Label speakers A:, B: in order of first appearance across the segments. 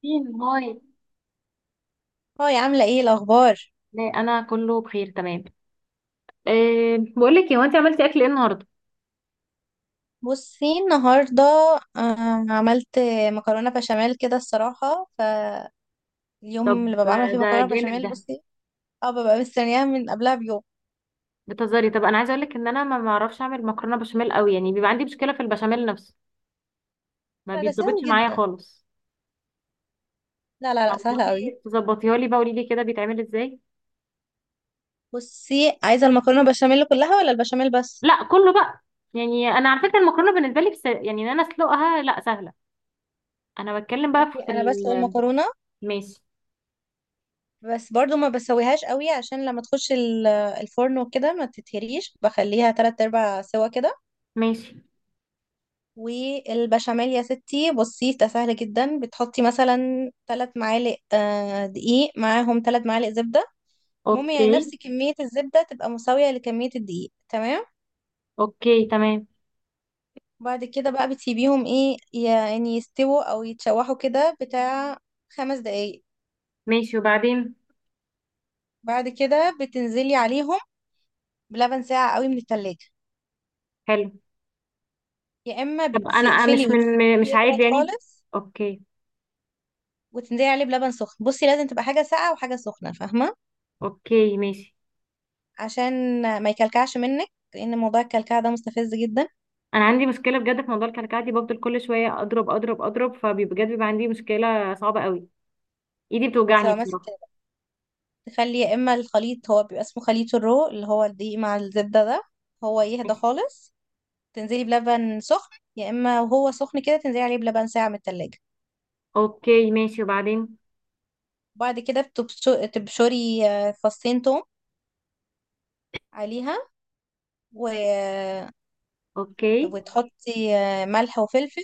A: فين هاي؟
B: هاي عاملة ايه الأخبار؟
A: لا، انا كله بخير تمام. أه، بقول لك، هو انت عملتي اكل ايه النهارده؟
B: بصي النهاردة، عملت مكرونة بشاميل كده الصراحة. فاليوم اللي
A: طب،
B: ببقى عاملة فيه
A: ده
B: مكرونة
A: جامد
B: بشاميل.
A: ده.
B: بصي، اه ببقى مستنياها من قبلها بيوم.
A: بتهزري؟ طب انا عايزه اقول لك ان انا ما بعرفش اعمل مكرونه بشاميل قوي، يعني بيبقى عندي مشكله في البشاميل نفسه. ما
B: لا ده سهل
A: بيتظبطش معايا
B: جدا،
A: خالص.
B: لا لا لا، سهلة
A: تعرفي
B: قوي.
A: تظبطيها لي بقى؟ قولي لي كده بيتعمل ازاي.
B: بصي، عايزة المكرونة بشاميل كلها ولا البشاميل بس؟
A: لا، كله بقى. يعني انا على فكره المكرونه بالنسبه لي، بس يعني ان انا اسلقها لا سهله. انا بتكلم بقى
B: اوكي،
A: في
B: أنا بسلق
A: ال-
B: المكرونة،
A: ماشي.
B: بس برضو ما بسويهاش قوي عشان لما تخش الفرن وكده ما تتهريش، بخليها تلات أرباع سوا كده.
A: ماشي.
B: والبشاميل يا ستي، بصي ده سهل جدا، بتحطي مثلا 3 معالق دقيق، معاهم 3 معالق زبدة. المهم يعني
A: اوكي.
B: نفس كمية الزبدة تبقى مساوية لكمية الدقيق، تمام.
A: اوكي، تمام.
B: بعد كده بقى بتسيبيهم ايه، يعني يستووا او يتشوحوا كده بتاع 5 دقايق.
A: ماشي، وبعدين؟
B: بعد كده بتنزلي عليهم بلبن ساقع قوي من التلاجة،
A: حلو.
B: يا اما
A: طب انا مش
B: بتقفلي
A: من، مش
B: وتسيبيه يبرد
A: عادي يعني.
B: خالص،
A: اوكي.
B: وتنزلي عليه بلبن سخن. بصي لازم تبقى حاجة ساقعة وحاجة سخنة، فاهمة؟
A: اوكي، ماشي.
B: عشان ما يكلكعش منك، لان موضوع الكلكعه ده مستفز جدا.
A: انا عندي مشكله بجد في موضوع الكلكعه دي، بفضل كل شويه اضرب اضرب اضرب، فبجد بيبقى عندي مشكله صعبه قوي. ايدي
B: وانت
A: بتوجعني
B: لو ماسك،
A: بصراحه.
B: تخلي يا اما الخليط، هو بيبقى اسمه خليط الرو، اللي هو الدقيق مع الزبده ده، هو يهدى
A: ماشي.
B: خالص. تنزلي بلبن سخن، يا اما وهو سخن كده تنزلي عليه بلبن ساعه من التلاجة.
A: اوكي، ماشي، وبعدين؟
B: وبعد كده تبشري فصين توم عليها، و...
A: اوكي.
B: وتحطي ملح وفلفل.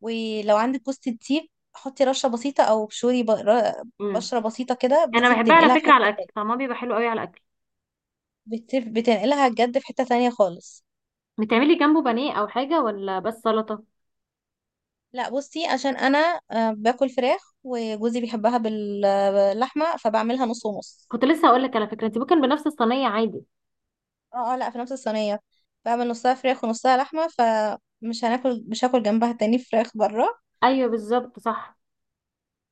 B: ولو عندك جوز الطيب، حطي رشه بسيطه، او ابشري
A: امم.
B: بشره بسيطه كده.
A: انا
B: بصي
A: بحبها على
B: بتنقلها في
A: فكره على الاكل،
B: حته،
A: طعمها بيبقى حلو قوي على الاكل.
B: بتنقلها بجد في حتة تانية خالص.
A: بتعملي جنبه بانيه او حاجه، ولا بس سلطه؟
B: لا بصي عشان انا، باكل فراخ، وجوزي بيحبها باللحمة، فبعملها نص ونص.
A: كنت لسه هقول لك على فكره، انت ممكن بنفس الصينيه عادي.
B: اه اه، لا في نفس الصينية، بعمل نصها فراخ ونصها لحمة، فمش هناكل مش هاكل جنبها تاني فراخ بره.
A: ايوه، بالظبط، صح.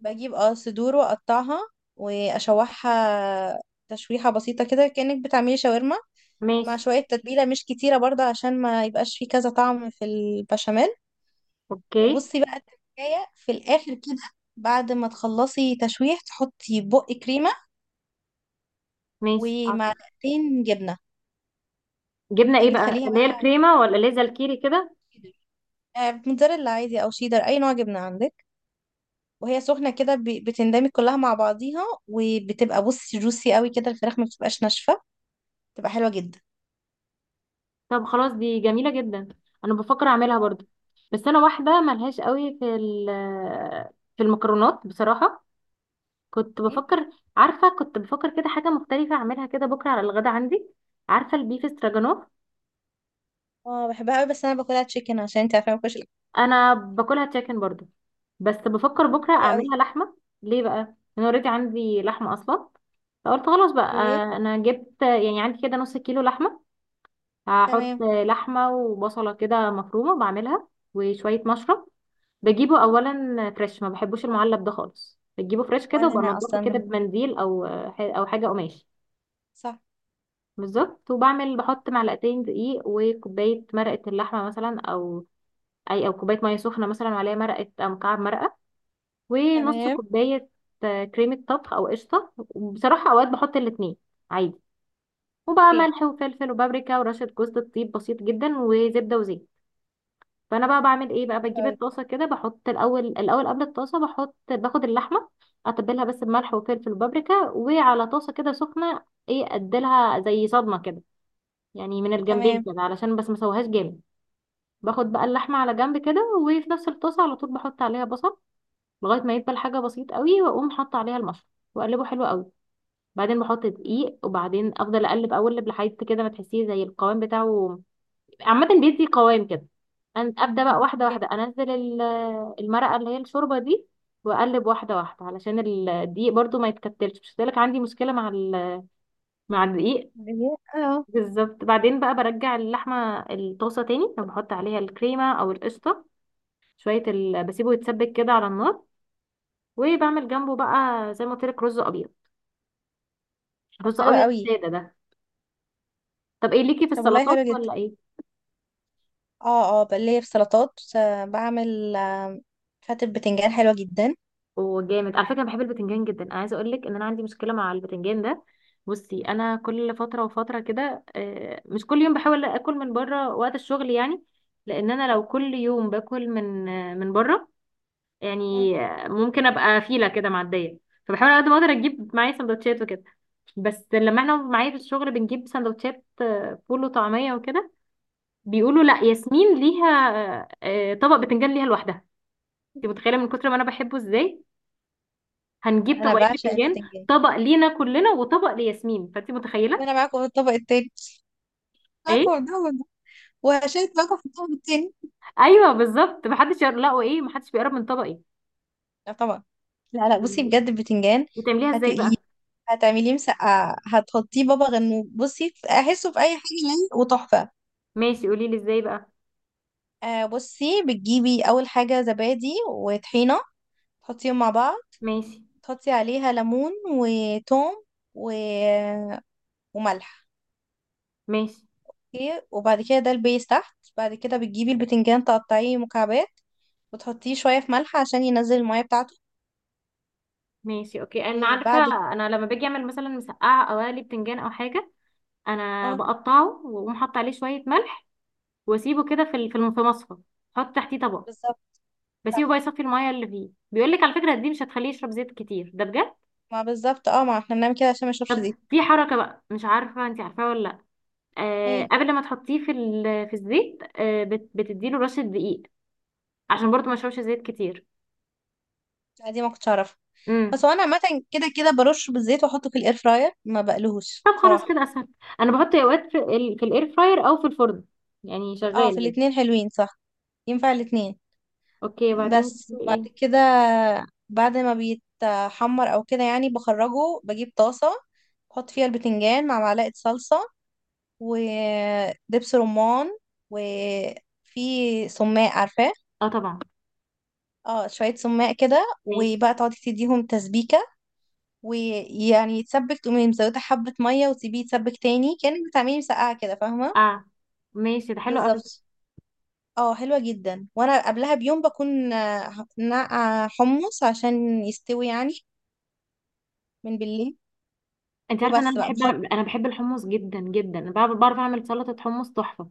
B: بجيب صدور واقطعها واشوحها تشويحة بسيطة كده، كأنك بتعملي شاورما، مع
A: ماشي.
B: شوية تتبيلة مش كتيرة برضه، عشان ما يبقاش فيه كذا طعم في البشاميل.
A: اوكي.
B: وبصي بقى التركاية في الآخر كده، بعد ما تخلصي تشويح تحطي بق كريمة
A: ماشي، أعتقد.
B: ومعلقتين جبنة.
A: جبنه
B: دي
A: ايه بقى؟
B: بتخليها
A: اللي هي
B: بقى
A: الكريمه، ولا اللي هي زي الكيري كده؟
B: شيدر، موتزاريلا عادي أو شيدر، أي نوع جبنة عندك. وهي سخنة كده بتندمج كلها مع بعضيها، وبتبقى بصي جوسي قوي كده، الفراخ ما بتبقاش ناشفة، بتبقى حلوة جدا.
A: طب خلاص، دي جميلة جدا. انا بفكر اعملها برضو. بس انا واحدة ملهاش قوي في المكرونات بصراحة. كنت
B: أوكي.
A: بفكر عارفة، كنت بفكر كده حاجة مختلفة اعملها كده بكرة على الغدا عندي. عارفة البيف استراجانوف؟
B: اه بحبها قوي، بس انا باكلها تشيكن عشان انت عارفه ما باكلش الاكل.
A: انا باكلها تشيكن برضو. بس بفكر بكرة
B: حلو قوي.
A: اعملها لحمة. ليه بقى؟ انا اوريدي عندي لحمة اصلا، فقلت خلاص بقى.
B: اوكي
A: انا جبت يعني عندي كده نص كيلو لحمة. هحط
B: تمام.
A: لحمة وبصلة كده مفرومة بعملها، وشوية مشروم. بجيبه اولا فريش، ما بحبوش المعلب ده خالص، بجيبه فريش كده،
B: ولا انا
A: وبنضفه كده
B: اصلا.
A: بمنديل، او حاجه قماش.
B: صح.
A: بالظبط. بحط معلقتين دقيق وكوبايه مرقه اللحمه مثلا، او اي، او كوبايه ميه سخنه مثلا وعليها مرقه او مكعب مرقه، ونص
B: تمام.
A: كوبايه كريمه طبخ او قشطه. بصراحه اوقات بحط الاتنين عادي. وبقى
B: اوكي.
A: ملح وفلفل وبابريكا ورشه جوز الطيب بسيط جدا، وزبده وزيت. فانا بقى بعمل ايه بقى؟
B: حلو
A: بجيب
B: قوي.
A: الطاسه كده، بحط الاول، الاول قبل الطاسه، باخد اللحمه، اتبلها بس بملح وفلفل وبابريكا، وعلى طاسه كده سخنه، ايه، اديلها زي صدمه كده، يعني من الجنبين
B: تمام.
A: كده علشان بس ما اسويهاش جامد. باخد بقى اللحمه على جنب كده، وفي نفس الطاسه على طول بحط عليها بصل لغايه ما يدبل، حاجه بسيط قوي، واقوم حاطه عليها المشروم، واقلبه حلو قوي. بعدين بحط دقيق، وبعدين افضل اقلب اقلب لحد كده ما تحسيه زي القوام بتاعه. عامة بيدي قوام كده. ابدا بقى واحدة
B: اوكي.
A: واحدة انزل المرقة، اللي هي الشوربة دي، واقلب واحدة واحدة علشان الدقيق برضو ما يتكتلش، مش لك عندي مشكلة مع الدقيق.
B: اه.
A: بالظبط. بعدين بقى برجع اللحمة الطاسة تاني، وبحط عليها الكريمة او القشطة، شوية بسيبه يتسبك كده على النار. وبعمل جنبه بقى، زي ما قلت لك، رز ابيض.
B: طب
A: رز
B: حلو
A: ابيض
B: قوي.
A: سادة ده. طب ايه ليكي في
B: طب والله حلو
A: السلطات
B: جدا.
A: ولا ايه؟
B: اه اه، بقى ليا في سلطات، بعمل فتة بتنجان حلوة جدا.
A: وجامد على فكره، أنا بحب البتنجان جدا. انا عايزه اقول لك ان انا عندي مشكله مع البتنجان ده. بصي انا كل فتره وفتره كده، مش كل يوم، بحاول اكل من بره وقت الشغل يعني. لان انا لو كل يوم باكل من بره،
B: مم.
A: يعني ممكن ابقى فيله كده معديه. فبحاول على قد ما اقدر اجيب معايا سندوتشات وكده. بس لما احنا معايا في الشغل بنجيب سندوتشات فول وطعميه وكده، بيقولوا: لا، ياسمين ليها طبق بتنجان ليها لوحدها. انت متخيله من كتر ما انا بحبه ازاي؟
B: لا
A: هنجيب
B: انا
A: طبقين
B: بعشق
A: بتنجان،
B: البتنجان.
A: طبق لينا كلنا وطبق لياسمين. فانت متخيله.
B: وانا معاكم في الطبق التاني، معاكم
A: ايه.
B: في الطبق ده، وهشارك معاكم في الطبق التاني.
A: ايوه، بالظبط، محدش يقرب، لا وايه، محدش بيقرب من طبقي.
B: لا طبعا. لا لا، بصي
A: بالظبط.
B: بجد البتنجان.
A: بتعمليها ازاي
B: هتقليه،
A: بقى؟
B: هتعمليه مسقعة، هتحطيه بابا غنوج، بصي احسه في اي حاجة ليه وتحفة.
A: ماشي، قولي لي ازاي بقى.
B: بصي بتجيبي اول حاجة زبادي وطحينة، تحطيهم مع بعض،
A: ماشي.
B: تحطي عليها ليمون وتوم و وملح.
A: ماشي.
B: اوكي، وبعد كده ده البيس تحت. بعد كده بتجيبي البتنجان تقطعيه مكعبات، وتحطيه شوية في ملح عشان ينزل المية بتاعته.
A: ماشي. اوكي، انا عارفه.
B: وبعد ك-
A: انا لما باجي اعمل مثلا مسقعه او اقلي بتنجان او حاجه، انا
B: اه
A: بقطعه واقوم حاطه عليه شويه ملح، واسيبه كده في مصفى، احط تحتيه طبق،
B: بالظبط
A: بسيبه
B: صح.
A: بقى يصفي الميه اللي فيه. بيقول لك على فكره دي مش هتخليه يشرب زيت كتير ده، بجد.
B: ما بالظبط، اه ما احنا بنعمل كده عشان ما يشربش
A: طب
B: زيت.
A: في حركه بقى، مش عارفه انت عارفاها ولا؟
B: ايه.
A: قبل ما تحطيه في الزيت، بتديله رشة دقيق، عشان برضو ما يشربش زيت كتير.
B: لا دي ما كنتش اعرفها. بس
A: امم.
B: هو انا عامة كده كده برش بالزيت واحطه في الاير فراير، ما بقلهوش
A: طب خلاص،
B: صراحة.
A: كده اسهل. انا بحط اوقات في الاير فراير او في الفرن، يعني
B: اه،
A: شغال
B: في
A: عادي.
B: الاتنين حلوين، صح ينفع الاتنين.
A: اوكي، وبعدين؟
B: بس وبعد
A: ايه؟
B: كده، بعد ما بيتحمر او كده يعني بخرجه، بجيب طاسة، بحط فيها البتنجان مع معلقة صلصة ودبس رمان، وفي سماق، عارفاه؟
A: اه، طبعا.
B: اه، شوية سماق كده،
A: ماشي.
B: وبقى تقعدي تديهم تسبيكة ويعني يتسبك، تقومي مزودة حبة مية وتسيبيه يتسبك تاني، كأنك بتعملي مسقعة كده، فاهمة؟
A: اه، ماشي، ده حلو قوي.
B: بالظبط. اه حلوة جدا. وانا قبلها بيوم بكون نقع حمص عشان يستوي يعني، من بالليل.
A: انت عارفه ان
B: وبس بقى بحط،
A: انا بحب الحمص جدا جدا. أنا بعرف اعمل سلطه حمص تحفه.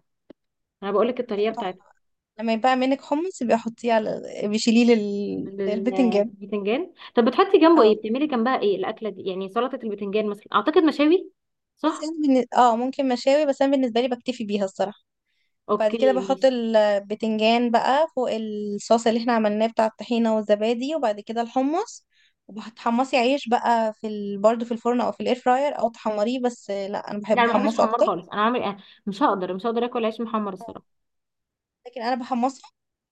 A: انا بقول لك الطريقه بتاعتها.
B: تحفة، لما يبقى منك حمص بيحطيه على، بيشيليه للبتنجان.
A: للبتنجان، طب بتحطي جنبه
B: اه
A: ايه؟ بتعملي جنبها ايه الاكله دي يعني؟ سلطه البتنجان مثلا، اعتقد، مشاوي؟
B: بصي
A: صح.
B: انا ممكن مشاوي، بس انا بالنسبه لي بكتفي بيها الصراحه. بعد كده
A: اوكي،
B: بحط
A: ماشي.
B: البتنجان بقى فوق الصوص اللي احنا عملناه بتاع الطحينه والزبادي، وبعد كده الحمص. وبتحمصي عيش بقى برضه في الفرن او في الاير فراير، او تحمريه، بس لا انا
A: لا،
B: بحب
A: انا ما بحبش
B: احمصه
A: الحمار
B: اكتر.
A: خالص. انا عمري أنا مش هقدر اكل عيش محمر الصراحه.
B: لكن انا بحمصه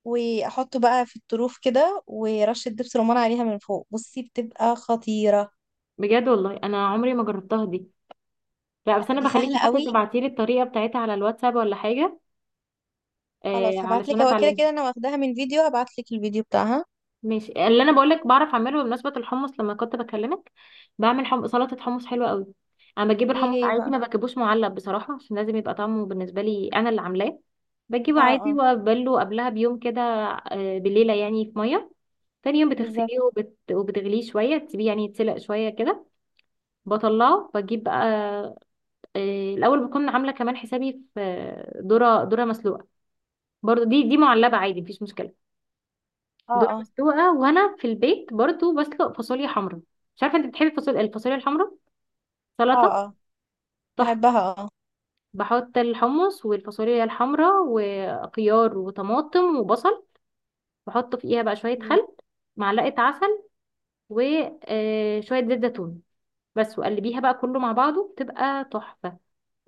B: واحطه بقى في الطروف كده، ورشه دبس رمان عليها من فوق، بصي بتبقى خطيره.
A: بجد والله انا عمري ما جربتها دي. لا
B: لا
A: بس انا
B: دي
A: بخليكي
B: سهله
A: حتى
B: قوي،
A: تبعتي لي الطريقه بتاعتها على الواتساب ولا حاجه. آه،
B: خلاص
A: علشان
B: هبعتلك. هو كده
A: اتعلمها.
B: كده انا واخداها من فيديو، هبعتلك الفيديو بتاعها.
A: ماشي. اللي انا بقول لك بعرف اعمله بمناسبه الحمص لما كنت بكلمك، بعمل سلطه حمص حلوه قوي. انا بجيب
B: ايه
A: الحمص
B: هي
A: عادي،
B: بقى؟
A: ما بجيبوش معلب بصراحه، عشان لازم يبقى طعمه بالنسبه لي انا اللي عاملاه. بجيبه
B: اه
A: عادي
B: اه
A: وابله قبلها بيوم كده، بليله يعني في ميه. تاني يوم
B: بالظبط.
A: بتغسليه، وبتغليه شوية، تسيبيه يعني يتسلق شوية كده، بطلعه. بجيب بقى الأول بكون عاملة كمان حسابي في ذرة مسلوقة، برضو دي معلبة
B: إيه.
A: عادي، مفيش مشكلة.
B: اه
A: ذرة
B: اه.
A: مسلوقة، وأنا في البيت برضو بسلق فاصوليا حمرا. مش عارفة أنت بتحبي الفاصوليا الحمرا؟
B: اه
A: سلطة
B: اه
A: تحفة.
B: بحبها اه.
A: بحط الحمص والفاصوليا الحمرا وخيار وطماطم وبصل، بحط فيها بقى شوية
B: مم.
A: خل، معلقة عسل، وشوية زيت زيتون، بس، وقلبيها بقى كله مع بعضه تبقى تحفة.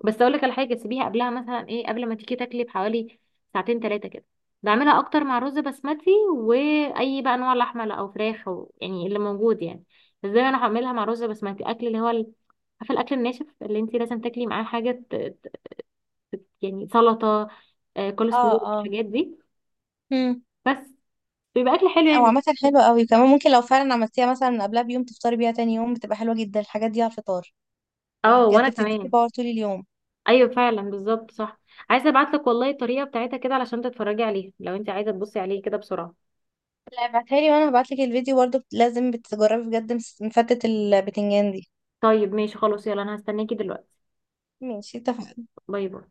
A: بس اقول لك على حاجة، سيبيها قبلها مثلا ايه، قبل ما تيجي تاكلي بحوالي ساعتين ثلاثة كده. بعملها اكتر مع رز بسمتي، واي بقى انواع لحمة او فراخ او يعني اللي موجود يعني. بس دايما انا هعملها مع رز بسمتي اكل، اللي هو ال- عارفة الاكل الناشف اللي انت لازم تاكلي معاه حاجة يعني سلطة، كول
B: اه
A: سلو
B: اه.
A: الحاجات دي،
B: مم.
A: بس. بيبقى اكل حلو
B: او
A: يعني.
B: عامة حلوة قوي كمان، ممكن لو فعلا عملتيها مثلا قبلها بيوم تفطري بيها تاني يوم، بتبقى حلوة جدا الحاجات دي على الفطار،
A: اه، وانا
B: وبجد بتديكي
A: كمان.
B: باور طول اليوم.
A: ايوه، فعلا، بالظبط، صح. عايزه ابعت لك والله الطريقه بتاعتها كده، علشان تتفرجي عليها لو انت عايزه تبصي عليه كده بسرعه.
B: لا ابعتها لي، وانا هبعتلك الفيديو برضه، لازم بتجربي بجد، مفتة البتنجان دي.
A: طيب، ماشي، خلاص، يلا، انا هستناكي دلوقتي.
B: ماشي اتفقنا.
A: باي باي.